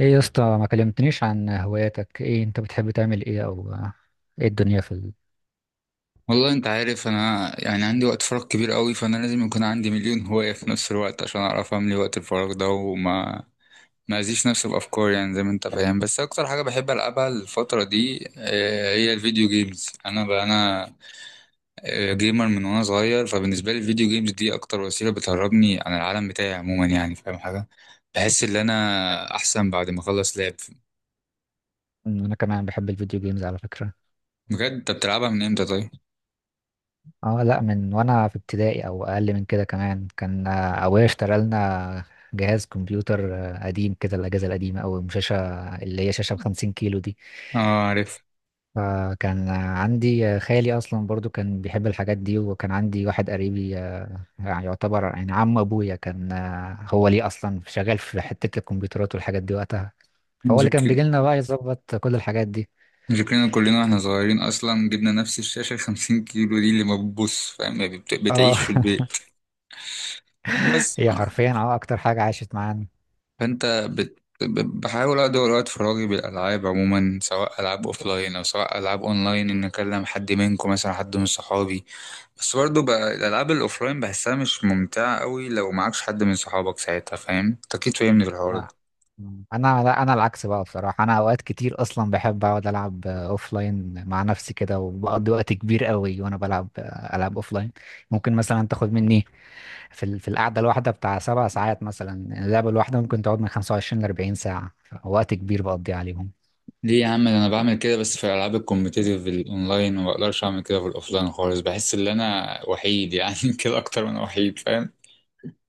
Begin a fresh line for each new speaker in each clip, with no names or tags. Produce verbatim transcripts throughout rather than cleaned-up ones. ايه يا اسطى؟ ما كلمتنيش عن هواياتك. ايه انت بتحب تعمل؟ ايه او ايه الدنيا في ال...
والله انت عارف، انا يعني عندي وقت فراغ كبير قوي، فانا لازم يكون عندي مليون هواية في نفس الوقت عشان اعرف املي وقت الفراغ ده. وما ما ازيش نفسي بافكار، يعني زي ما انت فاهم. بس اكتر حاجة بحب العبها الفترة دي آه، هي الفيديو جيمز. انا بقى انا آه، جيمر من وانا صغير، فبالنسبة لي الفيديو جيمز دي اكتر وسيلة بتهربني عن العالم بتاعي عموما، يعني فاهم حاجة؟ بحس ان انا احسن بعد ما اخلص لعب.
أمم، انا كمان بحب الفيديو جيمز على فكرة.
بجد انت بتلعبها من امتى طيب؟
اه، لا، من وانا في ابتدائي او اقل من كده كمان، كان آه، ابويا اشترى لنا جهاز كمبيوتر، آه، قديم كده، الاجهزة القديمة، او شاشة اللي هي شاشة بخمسين كيلو دي.
اه،
فكان عندي خالي اصلا برضو كان بيحب الحاجات دي، وكان عندي واحد قريبي، آه، يعني يعتبر يعني عم ابويا، كان آه، هو ليه اصلا شغال في حتة الكمبيوترات والحاجات دي وقتها. فهو اللي
عارف.
كان بيجي لنا بقى يظبط كل الحاجات دي.
فكرنا كلنا واحنا صغيرين اصلا، جبنا نفس الشاشه خمسين كيلو دي اللي ما بتبص، فاهم يعني؟ بت- بتعيش في
اه.
البيت بس
هي
آه.
حرفيا اه اكتر حاجة عاشت معانا.
فانت بت... ب- بحاول ادور وقت فراغي بالالعاب عموما، سواء العاب اوفلاين او سواء العاب اونلاين، ان اكلم حد منكم مثلا، حد من صحابي. بس برضه بقى الالعاب الاوفلاين بحسها مش ممتعه قوي لو معكش حد من صحابك ساعتها، فاهم؟ أنت اكيد فاهمني في الحوار ده.
لا. انا لا، انا العكس بقى بصراحة. انا اوقات كتير اصلا بحب اقعد العب اوف لاين مع نفسي كده، وبقضي وقت كبير قوي وانا بلعب. العب اوف لاين ممكن مثلا تاخد مني في ال- في القعدة الواحدة بتاع سبع ساعات مثلا. اللعبة الواحدة ممكن تقعد من خمسة وعشرين ل أربعين ساعة، وقت كبير بقضي عليهم.
ليه يا عم؟ ده انا بعمل كده بس في الالعاب الكومبتيتيف الاونلاين، وما بقدرش اعمل كده في الاوفلاين خالص. بحس ان انا وحيد يعني كده اكتر من وحيد، فاهم؟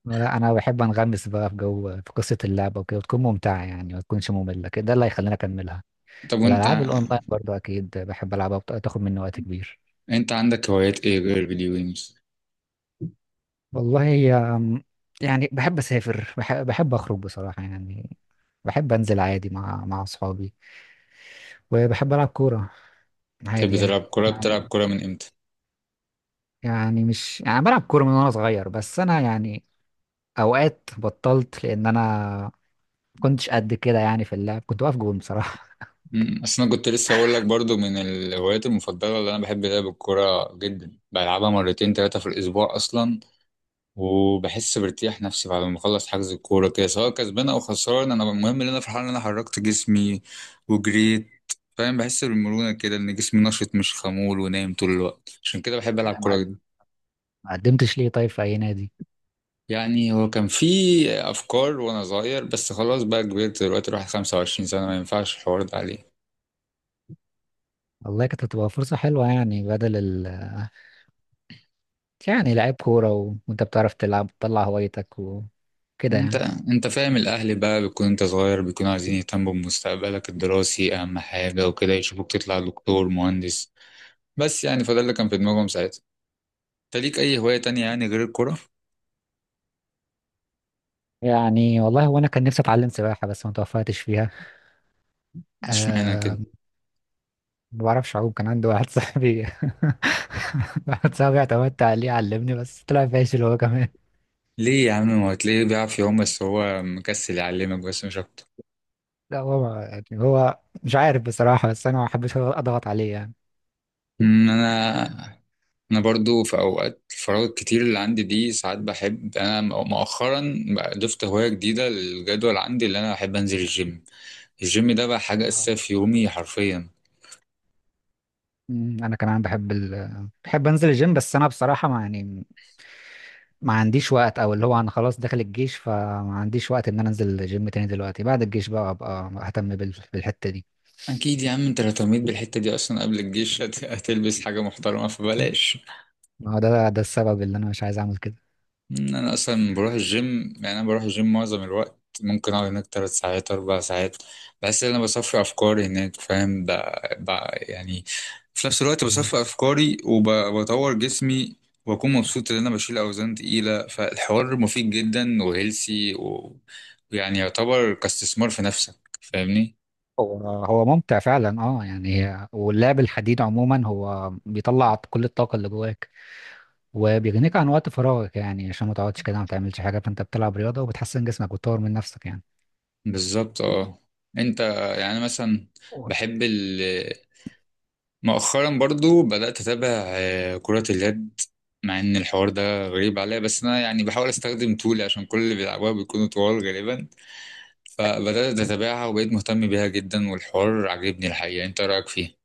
لا، انا بحب انغمس بقى في جو، في قصة اللعبة وكده، وتكون ممتعة يعني، ما تكونش مملة كده، ده اللي هيخليني اكملها.
طب وانت،
والألعاب الأونلاين برضو أكيد بحب ألعبها، وبت- تاخد مني وقت كبير.
انت عندك هوايات ايه غير الفيديو جيمز؟
والله هي أم، يعني بحب أسافر، بحب, بحب أخرج بصراحة يعني. بحب أنزل عادي مع مع أصحابي، وبحب ألعب كورة
تحب
عادي يعني.
تلعب كوره؟
يعني
بتلعب كوره من امتى؟
يعني مش يعني بلعب كورة من وأنا صغير، بس أنا يعني أوقات بطلت، لأن أنا كنتش قد كده يعني في اللعب، كنت واقف جون بصراحة.
امم، اصل انا كنت لسه اقول لك برضو، من الهوايات المفضله اللي انا بحب لعب الكوره جدا، بلعبها مرتين ثلاثه في الاسبوع اصلا. وبحس بارتياح نفسي بعد ما اخلص حجز الكوره كده، سواء كسبان او خسران، انا المهم ان انا فرحان ان انا حركت جسمي وجريت، فاهم؟ بحس بالمرونه كده ان جسمي نشط مش خمول ونايم طول الوقت، عشان كده بحب العب
ما
كوره
قد-
جدا.
ما قدمتش ليه طيب في أي نادي؟
يعني هو كان في افكار وانا صغير، بس خلاص بقى كبرت دلوقتي الواحد خمسة وعشرين سنه، ما ينفعش الحوار ده عليه.
والله كانت هتبقى فرصة حلوة يعني، بدل ال يعني لعيب كورة و... وانت بتعرف تلعب، تطلع هوايتك وكده
انت
يعني.
انت فاهم الاهل بقى، بيكون انت صغير بيكونوا عايزين يهتموا بمستقبلك الدراسي اهم حاجه وكده، يشوفوك تطلع دكتور مهندس، بس. يعني فده اللي كان في دماغهم ساعتها. انت ليك اي هواية تانية يعني غير الكرة؟
يعني والله وانا كان نفسي اتعلم سباحة، بس ما توفقتش فيها.
اشمعنى كده؟
أه... ما بعرفش اعوم. كان عندي واحد صاحبي، واحد صاحبي اعتمدت عليه علمني بس طلع فاشل هو كمان.
ليه يا عم؟ ما هو هتلاقيه بيعرف يعوم، بس هو مكسل يعلمك، بس مش اكتر.
لا هو ما- يعني هو مش عارف بصراحة، بس انا ما بحبش اضغط عليه يعني.
أمم، انا انا برضو في اوقات الفراغ الكتير اللي عندي دي، ساعات بحب. انا مؤخرا بقى ضفت هواية جديدة للجدول عندي، اللي انا بحب انزل الجيم. الجيم ده بقى حاجة
آه.
اساسية في يومي حرفيا.
أمم، انا كمان بحب ال... بحب انزل الجيم، بس انا بصراحة ما يعني ما عنديش وقت، او اللي هو انا خلاص داخل الجيش، فما عنديش وقت ان انا انزل الجيم تاني دلوقتي. بعد الجيش بقى ابقى اهتم بال- بالحتة دي.
اكيد يا عم، انت لو اهتميت بالحتة دي اصلا قبل الجيش هت- هتلبس حاجة محترمة، فبلاش.
ما هو ده ده السبب اللي انا مش عايز اعمل كده.
مم، انا اصلا بروح الجيم، يعني انا بروح الجيم معظم الوقت، ممكن اقعد هناك تلات ساعات اربع ساعات. بحس ان انا بصفي افكاري هناك، فاهم؟ ب... ب... يعني في نفس الوقت
مم.
بصفي افكاري وبطور جسمي. واكون مبسوط ان انا بشيل اوزان تقيله، فالحوار مفيد جدا وهيلسي و... ويعني يعتبر كاستثمار في نفسك، فاهمني؟
هو هو ممتع فعلا، اه يعني هي- واللعب الحديد عموما هو بيطلع كل الطاقة اللي جواك، وبيغنيك عن وقت فراغك يعني، عشان ما تقعدش كده ما تعملش حاجة، فانت بتلعب رياضة وبتحسن جسمك وتطور من نفسك يعني.
بالظبط اه. انت يعني مثلا، بحب مؤخرا برضو بدأت أتابع آه، كرة اليد. مع إن الحوار ده غريب عليا، بس أنا يعني بحاول أستخدم طولي عشان كل اللي بيلعبوها بيكونوا طوال غالبا. فبدأت أتابعها وبقيت مهتم بيها جدا والحوار عجبني الحقيقة. أنت رأيك فيه؟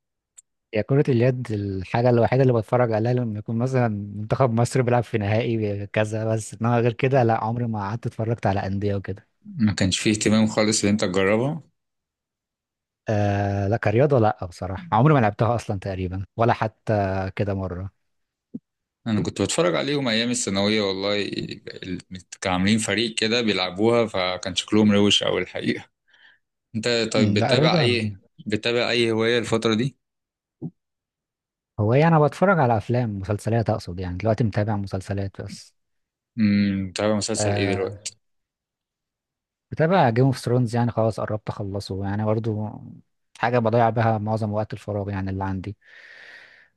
هي كرة اليد الحاجة الوحيدة اللي بتفرج عليها لما يكون مثلا منتخب مصر بيلعب في نهائي كذا بس، انما غير كده لا، عمري ما قعدت اتفرجت على أندية وكده.
ما كانش فيه اهتمام خالص إن أنت تجربها؟
آه لا، كرياضة لا بصراحة، عمري ما لعبتها أصلا تقريبا، ولا حتى كده مرة.
أنا كنت بتفرج عليهم أيام الثانوية، والله ال- كانوا عاملين فريق كده بيلعبوها فكان شكلهم روش أوي الحقيقة. أنت طيب
أمم، لا
بتتابع
رياضة.
أي بتتابع أي هواية الفترة دي؟
هو يعني أنا بتفرج على أفلام، مسلسلات أقصد، يعني دلوقتي متابع مسلسلات بس.
امم، بتتابع مسلسل إيه
آه
دلوقتي؟
بتابع جيم اوف ثرونز، يعني خلاص قربت أخلصه يعني، برضو حاجة بضيع بها معظم وقت الفراغ يعني اللي عندي،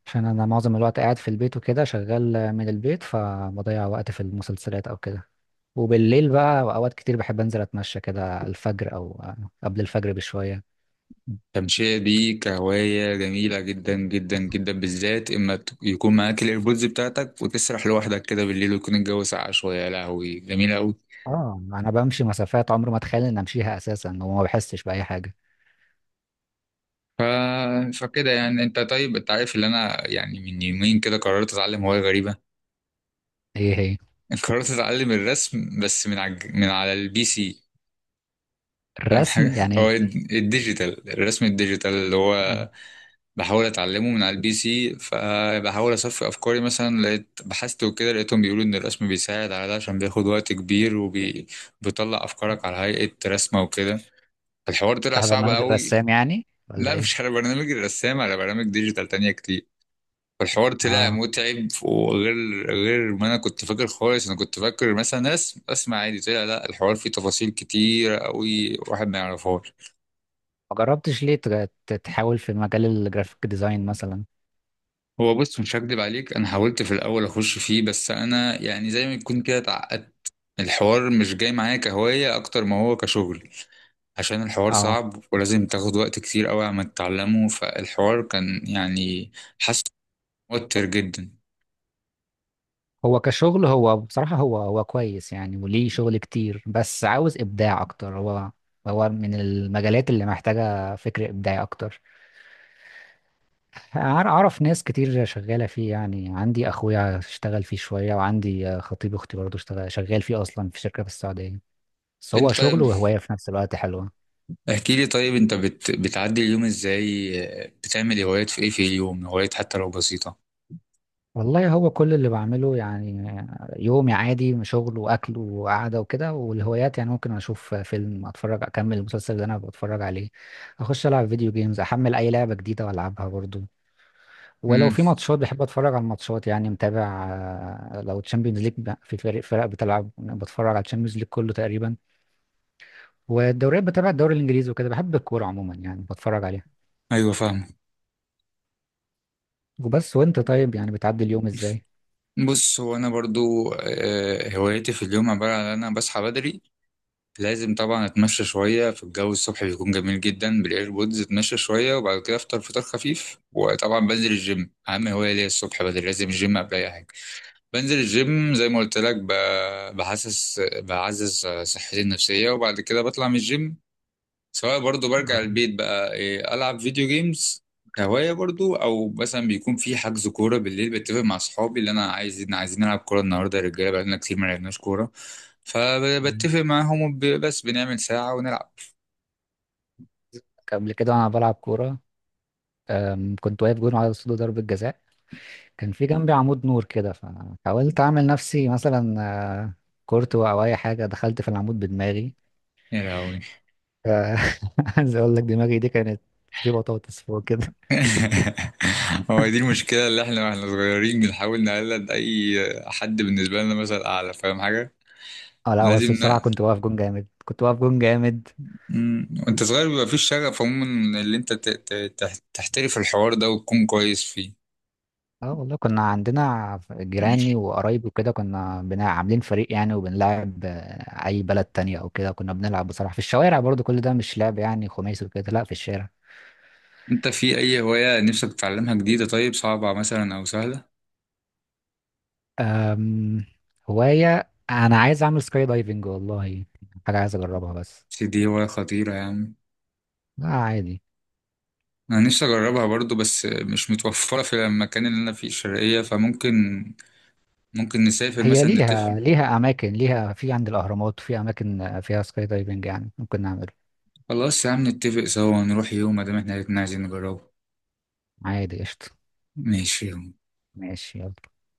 عشان انا معظم الوقت قاعد في البيت وكده، شغال من البيت، فبضيع وقت في المسلسلات او كده. وبالليل بقى اوقات كتير بحب انزل اتمشى كده الفجر، او قبل الفجر بشوية.
التمشية دي كهواية جميلة جدا جدا جدا، بالذات إما ت- يكون معاك الإيربودز بتاعتك وتسرح لوحدك كده بالليل ويكون الجو ساقع شوية، يا لهوي جميلة أوي.
اه، انا بمشي مسافات عمري ما اتخيل ان امشيها اساسا، وما بحسش باي حاجة.
ف... فكده يعني. أنت طيب، أنت عارف إن أنا يعني من يومين كده قررت أتعلم هواية غريبة.
ايه هي؟
قررت أتعلم الرسم، بس من على الج- من على البي سي. فاهم
الرسم
حاجة؟
يعني
هو
إيه؟
الد- الديجيتال، الرسم الديجيتال اللي هو بحاول اتعلمه من على البي سي. فبحاول اصفي افكاري، مثلا لقيت بحثت وكده لقيتهم بيقولوا ان الرسم بيساعد على ده عشان بياخد وقت كبير وبيطلع افكارك على هيئة رسمة وكده. الحوار طلع
بتاع
صعب
برنامج
قوي.
الرسام يعني ولا
لا
ايه؟
مش على برنامج الرسام، على برامج ديجيتال تانية كتير. فالحوار طلع
اه،
متعب، وغير غير ما انا كنت فاكر خالص. انا كنت فاكر مثلا ناس اسمع عادي، طلع لا الحوار فيه تفاصيل كتير قوي واحد ما يعرفهاش.
ما جربتش ليه تج- تحاول في مجال الجرافيك ديزاين مثلا؟
هو بص، مش هكدب عليك انا حاولت في الاول اخش فيه، بس انا يعني زي ما يكون كده اتعقدت. الحوار مش جاي معايا كهواية اكتر ما هو كشغل، عشان الحوار
اه،
صعب ولازم تاخد وقت كتير قوي عم تتعلمه. فالحوار كان يعني حاسس موتر جدا.
هو كشغل هو بصراحة، هو هو كويس يعني، وليه شغل كتير، بس عاوز إبداع أكتر هو. هو من المجالات اللي محتاجة فكر إبداعي أكتر. أع- أعرف ناس كتير شغالة فيه يعني، عندي أخويا اشتغل فيه شوية، وعندي خطيب أختي برضه اشتغل شغال فيه أصلا في شركة في السعودية. بس
انت
هو شغل
طيب
وهواية في نفس الوقت، حلوة.
احكي لي طيب، انت بت... بتعدي اليوم ازاي؟ بتعمل هوايات في ايه في اليوم، هوايات حتى لو بسيطة؟
والله هو كل اللي بعمله يعني يومي عادي، شغل واكل وقعده وكده. والهوايات يعني، ممكن اشوف فيلم، اتفرج اكمل المسلسل اللي انا بتفرج عليه، اخش العب فيديو جيمز، احمل اي لعبه جديده والعبها برضو. ولو
امم،
في ماتشات بحب اتفرج على الماتشات يعني، متابع. آه، لو تشامبيونز ليج في فريق، فرق بتلعب، بتفرج على تشامبيونز ليج كله تقريبا. والدوريات بتابع الدوري الانجليزي وكده، بحب الكوره عموما يعني بتفرج عليها.
ايوه فاهم.
وبس. وانت طيب يعني بتعدي اليوم ازاي؟
بص هو انا برضو آه، هوايتي في اليوم عباره عن ان انا بصحى بدري. لازم طبعا اتمشى شويه في الجو، الصبح بيكون جميل جدا بالايربودز، اتمشى شويه وبعد كده افطر فطار خفيف. وطبعا بنزل الجيم اهم هوايه ليا الصبح بدري، لازم الجيم قبل اي حاجه. بنزل الجيم زي ما قلت لك، ب- بحسس بعزز صحتي النفسيه، وبعد كده بطلع من الجيم. سواء برضو برجع
آه.
البيت بقى إيه، ألعب فيديو جيمز كهواية برضو، أو مثلا بيكون في حجز كورة بالليل، بتفق مع صحابي اللي أنا عايز، إن عايزين نلعب كورة النهاردة يا رجالة، بقالنا كتير ما لعبناش كورة. فبتفق معاهم وب- بس بنعمل ساعة ونلعب.
قبل كده انا بلعب كوره. أم، كنت واقف جون على اسطول ضربة جزاء، كان في جنبي عمود نور كده، فحاولت اعمل نفسي مثلا آه، كورتو او اي حاجة، دخلت في العمود بدماغي.
يا لهوي.
آه، عايز اقول لك دماغي دي كانت في بطاطس فوق كده.
هو دي المشكلة، اللي احنا واحنا صغيرين بنحاول نقلد أي حد بالنسبة لنا مثلا أعلى، فاهم حاجة؟
اه لا بس
لازم
بصراحة
ن...
كنت واقف جون جامد، كنت واقف جون جامد.
مم. وانت صغير بيبقى فيش شغف عموما، اللي انت ت... ت... تح- تحترف الحوار ده وتكون كويس فيه.
اه والله كنا عندنا جيراني وقرايبي وكده، كنا بنا عاملين فريق يعني، وبنلعب آه، اي بلد تانية او كده، كنا بنلعب بصراحة في الشوارع، برضو كل ده مش لعب يعني خماسي وكده، لا في الشارع.
انت في اي هواية نفسك تتعلمها جديدة طيب، صعبة مثلا او سهلة؟
أم، هواية أنا عايز أعمل سكاي دايفنج والله، حاجة عايز أجربها بس.
بس دي هواية خطيرة يعني.
لا عادي.
انا نفسي اجربها برضو بس مش متوفرة في المكان اللي انا فيه الشرقية، فممكن ممكن نسافر
هي
مثلا نتفق.
ليها ليها أماكن، ليها في عند الأهرامات في أماكن فيها سكاي دايفنج، يعني ممكن نعمله.
خلاص يا عم نتفق سوا نروح يوم ما دام احنا الاتنين عايزين نجربه.
عادي قشطة.
ماشي يلا.
ماشي يلا